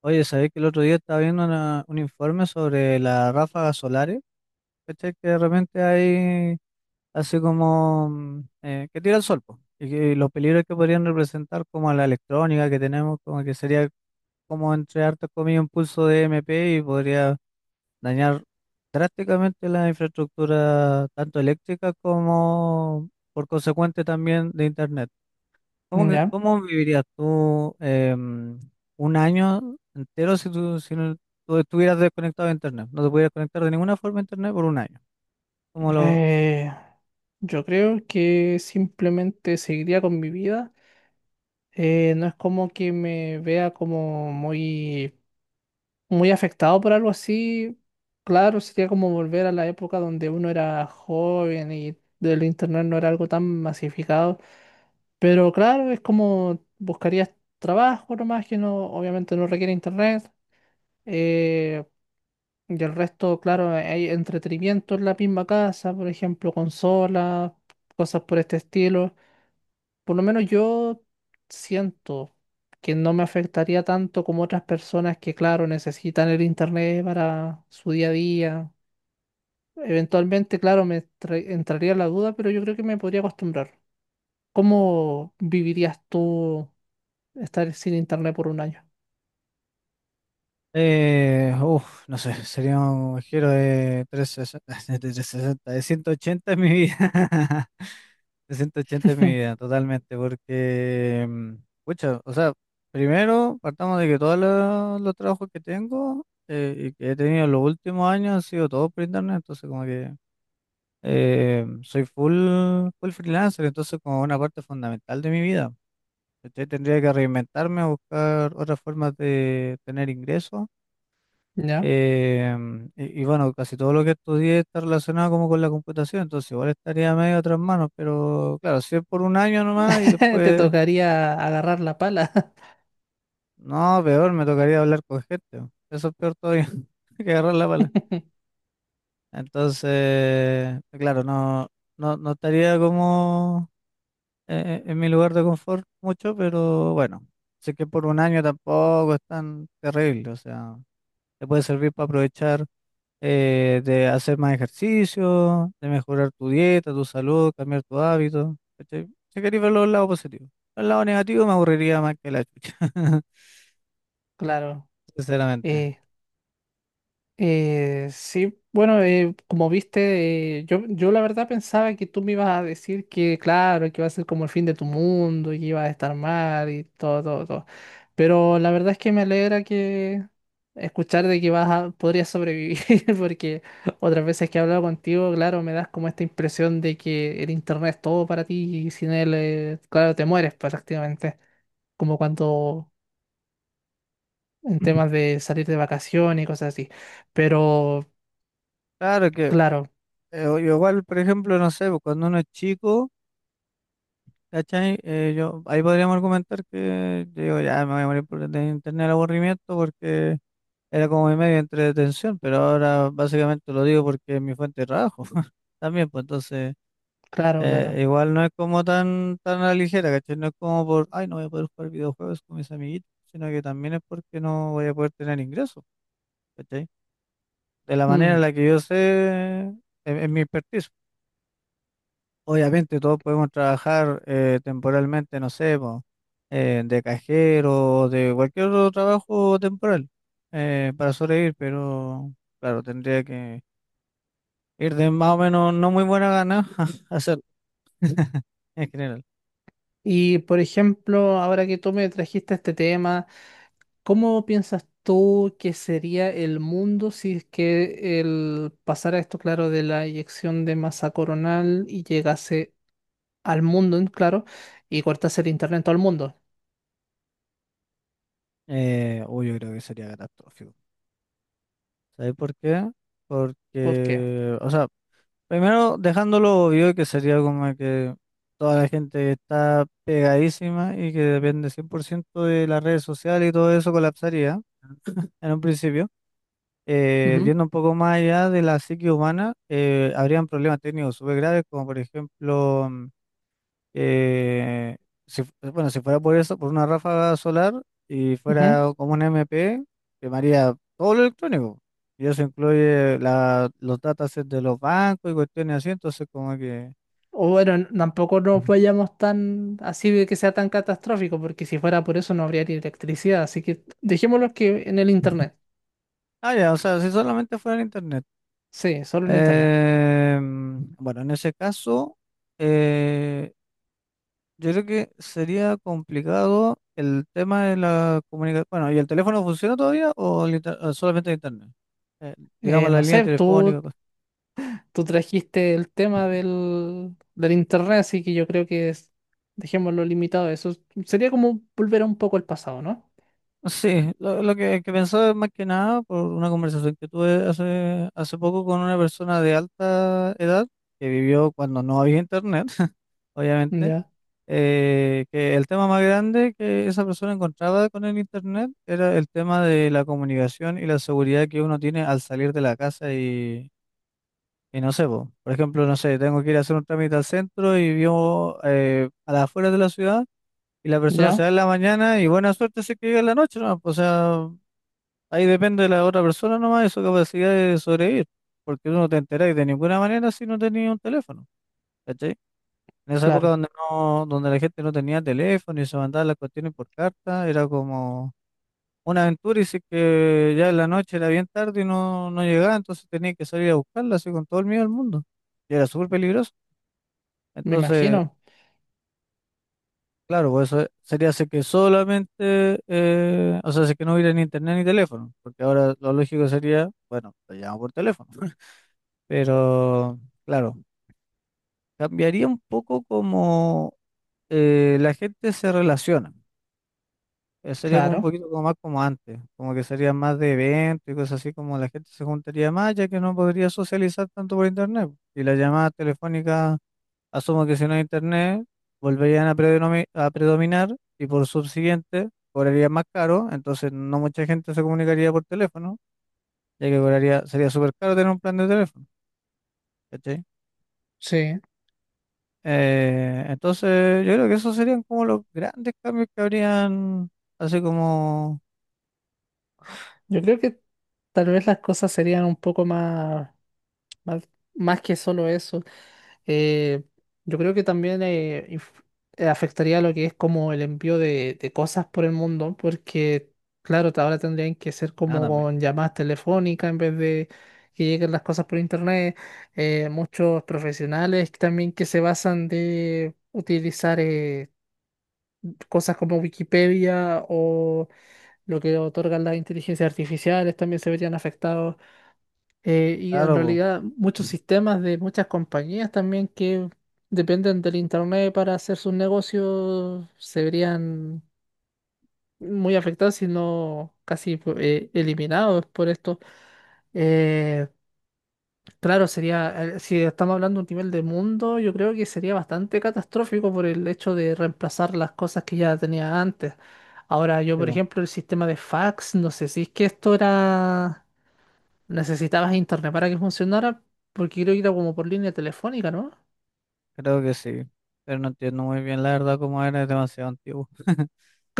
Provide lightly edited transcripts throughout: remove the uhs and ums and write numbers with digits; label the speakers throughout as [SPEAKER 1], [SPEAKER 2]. [SPEAKER 1] Oye, ¿sabés que el otro día estaba viendo un informe sobre las ráfagas solares? ¿Cachai? Que de repente hay así como que tira el sol, po, y que los peligros que podrían representar como a la electrónica que tenemos, como que sería como entre hartas comillas un pulso de MP y podría dañar drásticamente la infraestructura tanto eléctrica como por consecuente también de internet. ¿Cómo,
[SPEAKER 2] Ya.
[SPEAKER 1] cómo vivirías tú un año entero si tú, tú estuvieras desconectado de internet? No te pudieras conectar de ninguna forma a internet por un año. ¿Cómo lo...?
[SPEAKER 2] Eh, yo creo que simplemente seguiría con mi vida. No es como que me vea como muy afectado por algo así. Claro, sería como volver a la época donde uno era joven y del internet no era algo tan masificado. Pero claro, es como buscarías trabajo nomás que no, obviamente no requiere internet. Eh, Y el resto, claro, hay entretenimiento en la misma casa, por ejemplo, consolas, cosas por este estilo. Por lo menos yo siento que no me afectaría tanto como otras personas que, claro, necesitan el internet para su día a día. Eventualmente, claro, entraría la duda, pero yo creo que me podría acostumbrar. ¿Cómo vivirías tú estar sin internet por un año?
[SPEAKER 1] No sé, sería un giro de 360, de 360, de 180 en mi vida. De 180 en mi vida, totalmente, porque... pucha, o sea, primero partamos de que todos los trabajos que tengo y que he tenido en los últimos años han sido todos por internet, entonces como que... soy full freelancer, entonces como una parte fundamental de mi vida. ¿Cachai? Tendría que reinventarme, buscar otras formas de tener ingresos.
[SPEAKER 2] ¿Ya?
[SPEAKER 1] eh, y bueno, casi todo lo que estudié está relacionado como con la computación, entonces igual estaría medio a otras manos, pero claro, si es por un año nomás y
[SPEAKER 2] Te
[SPEAKER 1] después,
[SPEAKER 2] tocaría agarrar la pala.
[SPEAKER 1] no, peor, me tocaría hablar con gente. Eso es peor todavía que agarrar la pala. Entonces, claro, no estaría como es mi lugar de confort mucho, pero bueno, sé que por un año tampoco es tan terrible, o sea, te puede servir para aprovechar de hacer más ejercicio, de mejorar tu dieta, tu salud, cambiar tu hábito. ¿Cachai? Si querés ver los lados positivos. El lado negativo me aburriría más que la chucha,
[SPEAKER 2] Claro.
[SPEAKER 1] sinceramente.
[SPEAKER 2] Eh, sí, bueno, como viste, yo la verdad pensaba que tú me ibas a decir que, claro, que iba a ser como el fin de tu mundo y que ibas a estar mal y todo. Pero la verdad es que me alegra que escuchar de que vas a, podrías sobrevivir, porque otras veces que he hablado contigo, claro, me das como esta impresión de que el internet es todo para ti y sin él, claro, te mueres prácticamente como cuando en temas de salir de vacaciones y cosas así. Pero
[SPEAKER 1] Claro que
[SPEAKER 2] claro,
[SPEAKER 1] igual, por ejemplo, no sé, pues, cuando uno es chico, ¿cachai? Ahí podríamos argumentar que yo digo, ya me voy a morir por de internet el aburrimiento. Era como mi medio de entretención, pero ahora básicamente lo digo porque es mi fuente de trabajo también, pues entonces
[SPEAKER 2] claro, claro.
[SPEAKER 1] igual no es como tan a la ligera. ¿Cachai? No es como por, ay, no voy a poder jugar videojuegos con mis amiguitos, sino que también es porque no voy a poder tener ingresos. ¿Cachai? De la manera
[SPEAKER 2] Mm.
[SPEAKER 1] en la que yo sé, en mi expertise. Obviamente todos podemos trabajar temporalmente, no sé, po, de cajero, de cualquier otro trabajo temporal para sobrevivir, pero claro, tendría que ir de más o menos no muy buena gana a hacer en general.
[SPEAKER 2] Y por ejemplo, ahora que tú me trajiste este tema, ¿cómo piensas tú que sería el mundo si es que el pasara esto, claro, de la eyección de masa coronal y llegase al mundo, en claro, y cortase el internet en todo el mundo?
[SPEAKER 1] Yo creo que sería catastrófico. ¿Sabes por qué?
[SPEAKER 2] ¿Por qué?
[SPEAKER 1] Porque, o sea, primero dejándolo obvio que sería como que toda la gente está pegadísima y que depende 100% de las redes sociales y todo eso colapsaría en un principio.
[SPEAKER 2] Ujú,
[SPEAKER 1] Yendo un poco más allá de la psique humana, habrían problemas técnicos súper graves, como por ejemplo. Eh, bueno, si fuera por eso, por una ráfaga solar y
[SPEAKER 2] ujú.
[SPEAKER 1] fuera como un MP, quemaría todo lo electrónico. Y eso incluye los datasets de los bancos y cuestiones así, entonces como que...
[SPEAKER 2] O bueno, tampoco nos vayamos tan así de que sea tan catastrófico, porque si fuera por eso no habría ni electricidad, así que dejémoslo que en el internet.
[SPEAKER 1] Ah, ya, o sea, si solamente fuera el internet.
[SPEAKER 2] Sí, solo en internet.
[SPEAKER 1] Bueno, en ese caso, eh, yo creo que sería complicado el tema de la comunicación. Bueno, ¿y el teléfono funciona todavía o el o solamente el internet? Eh, digamos la
[SPEAKER 2] No
[SPEAKER 1] línea
[SPEAKER 2] sé,
[SPEAKER 1] telefónica.
[SPEAKER 2] tú trajiste el tema del internet, así que yo creo que dejémoslo limitado a eso. Sería como volver un poco al pasado, ¿no?
[SPEAKER 1] Sí, que pensaba es más que nada por una conversación que tuve hace poco con una persona de alta edad que vivió cuando no había internet, obviamente,
[SPEAKER 2] Ya,
[SPEAKER 1] que el tema más grande que esa persona encontraba con el internet era el tema de la comunicación y la seguridad que uno tiene al salir de la casa y no sé, po, por ejemplo, no sé, tengo que ir a hacer un trámite al centro y vivo a las afueras de la ciudad y la persona se va
[SPEAKER 2] ya,
[SPEAKER 1] en la mañana y buena suerte se que llega en la noche, ¿no? O sea... Ahí depende de la otra persona nomás y su capacidad de sobrevivir, porque tú no te enterás de ninguna manera si no tenías un teléfono, ¿cachai? En esa época
[SPEAKER 2] claro,
[SPEAKER 1] donde donde la gente no tenía teléfono y se mandaban las cuestiones por carta, era como una aventura y sí que ya en la noche era bien tarde y no llegaba, entonces tenía que salir a buscarla así con todo el miedo del mundo. Y era súper peligroso.
[SPEAKER 2] me
[SPEAKER 1] Entonces,
[SPEAKER 2] imagino,
[SPEAKER 1] claro, pues eso sería así que solamente, o sea, así que no hubiera ni internet ni teléfono, porque ahora lo lógico sería, bueno, te llamo por teléfono. Pero, claro, cambiaría un poco como la gente se relaciona. Sería como un
[SPEAKER 2] claro,
[SPEAKER 1] poquito como más como antes, como que sería más de eventos y cosas así, como la gente se juntaría más, ya que no podría socializar tanto por internet. Y las llamadas telefónicas, asumo que si no hay internet, volverían a, a predominar y por subsiguiente cobraría más caro, entonces no mucha gente se comunicaría por teléfono, ya que cobraría, sería súper caro tener un plan de teléfono, ¿cachai?
[SPEAKER 2] sí.
[SPEAKER 1] Entonces, yo creo que esos serían como los grandes cambios que habrían, así como...
[SPEAKER 2] Yo creo que tal vez las cosas serían un poco más... Más, más que solo eso. eh, yo creo que también afectaría lo que es como el envío de cosas por el mundo, porque claro, ahora tendrían que ser
[SPEAKER 1] Ah,
[SPEAKER 2] como
[SPEAKER 1] también.
[SPEAKER 2] con llamadas telefónicas en vez de que lleguen las cosas por internet. Muchos profesionales también que se basan de utilizar cosas como Wikipedia o lo que otorgan las inteligencias artificiales también se verían afectados. Y en
[SPEAKER 1] Claro, po,
[SPEAKER 2] realidad muchos sistemas de muchas compañías también que dependen del internet para hacer sus negocios se verían muy afectados, si no eliminados por esto. Eh, claro, sería, si estamos hablando de un nivel de mundo, yo creo que sería bastante catastrófico por el hecho de reemplazar las cosas que ya tenía antes. Ahora, yo,
[SPEAKER 1] sí,
[SPEAKER 2] por
[SPEAKER 1] po,
[SPEAKER 2] ejemplo, el sistema de fax, no sé si es que esto era... Necesitabas internet para que funcionara, porque creo que era como por línea telefónica, ¿no?
[SPEAKER 1] creo que sí, pero no entiendo muy bien la verdad cómo era, es demasiado antiguo.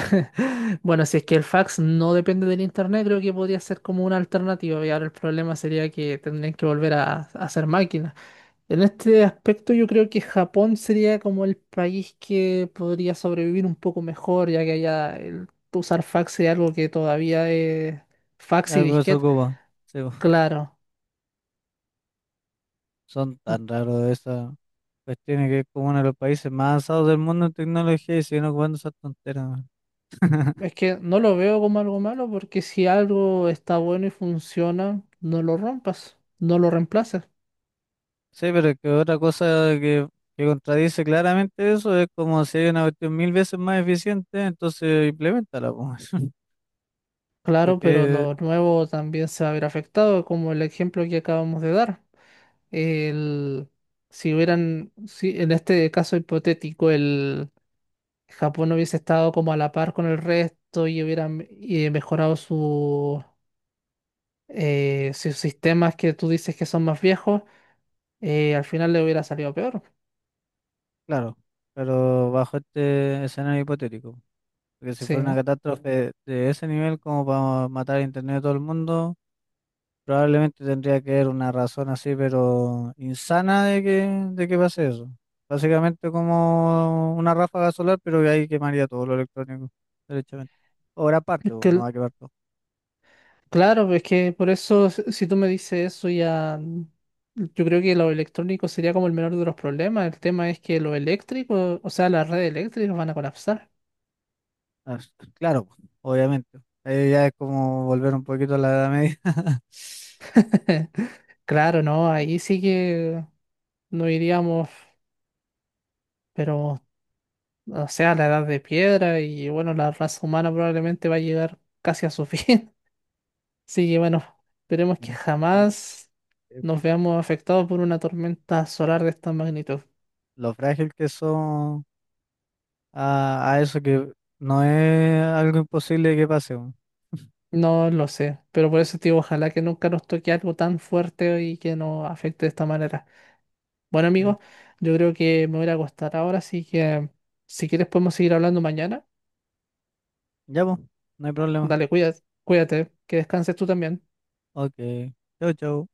[SPEAKER 2] Bueno, si es que el fax no depende del internet, creo que podría ser como una alternativa. Y ahora el problema sería que tendrían que volver a hacer máquinas. En este aspecto, yo creo que Japón sería como el país que podría sobrevivir un poco mejor, ya que allá el usar fax sería algo que todavía es fax y
[SPEAKER 1] Algo de
[SPEAKER 2] disquete.
[SPEAKER 1] ocupa, sí, po,
[SPEAKER 2] Claro.
[SPEAKER 1] son tan raros esas cuestiones que es como uno de los países más avanzados del mundo en tecnología y siguen ocupando esas tonteras, man.
[SPEAKER 2] Es que no lo veo como algo malo porque si algo está bueno y funciona, no lo rompas, no lo reemplaces.
[SPEAKER 1] Sí, pero es que otra cosa que, que contradice claramente eso es como si hay una cuestión mil veces más eficiente, entonces implementala,
[SPEAKER 2] Claro, pero
[SPEAKER 1] porque,
[SPEAKER 2] lo nuevo también se va a ver afectado, como el ejemplo que acabamos de dar. El, si hubieran, si en este caso hipotético, el Japón hubiese estado como a la par con el resto y hubieran mejorado sus sistemas que tú dices que son más viejos, al final le hubiera salido peor.
[SPEAKER 1] claro, pero bajo este escenario hipotético, porque si fuera una
[SPEAKER 2] Sí.
[SPEAKER 1] catástrofe de ese nivel como para matar a internet a todo el mundo, probablemente tendría que haber una razón así, pero insana de que pase eso. Básicamente como una ráfaga solar, pero que ahí quemaría todo lo electrónico, derechamente. O gran parte, pues,
[SPEAKER 2] Que
[SPEAKER 1] no va a quemar todo.
[SPEAKER 2] Claro, es que por eso, si tú me dices eso, ya yo creo que lo electrónico sería como el menor de los problemas. El tema es que lo eléctrico, o sea, las redes eléctricas van a colapsar.
[SPEAKER 1] Ah, Claro, pues, obviamente. Ahí ya es como volver un poquito a la Edad Media.
[SPEAKER 2] Claro, no, ahí sí que no iríamos, pero, o sea, la edad de piedra y bueno, la raza humana probablemente va a llegar casi a su fin. Así que bueno, esperemos que
[SPEAKER 1] Sí,
[SPEAKER 2] jamás
[SPEAKER 1] eh,
[SPEAKER 2] nos veamos afectados por una tormenta solar de esta magnitud.
[SPEAKER 1] lo frágil que son a eso que no es algo imposible que pase, weón.
[SPEAKER 2] No lo sé, pero por eso, tío, ojalá que nunca nos toque algo tan fuerte y que nos afecte de esta manera. Bueno,
[SPEAKER 1] Sí.
[SPEAKER 2] amigos, yo creo que me voy a ir a acostar ahora, así que si quieres podemos seguir hablando mañana.
[SPEAKER 1] Ya, pues, no hay problema.
[SPEAKER 2] Dale, cuídate, cuídate, que descanses tú también.
[SPEAKER 1] Ok, chau, chau.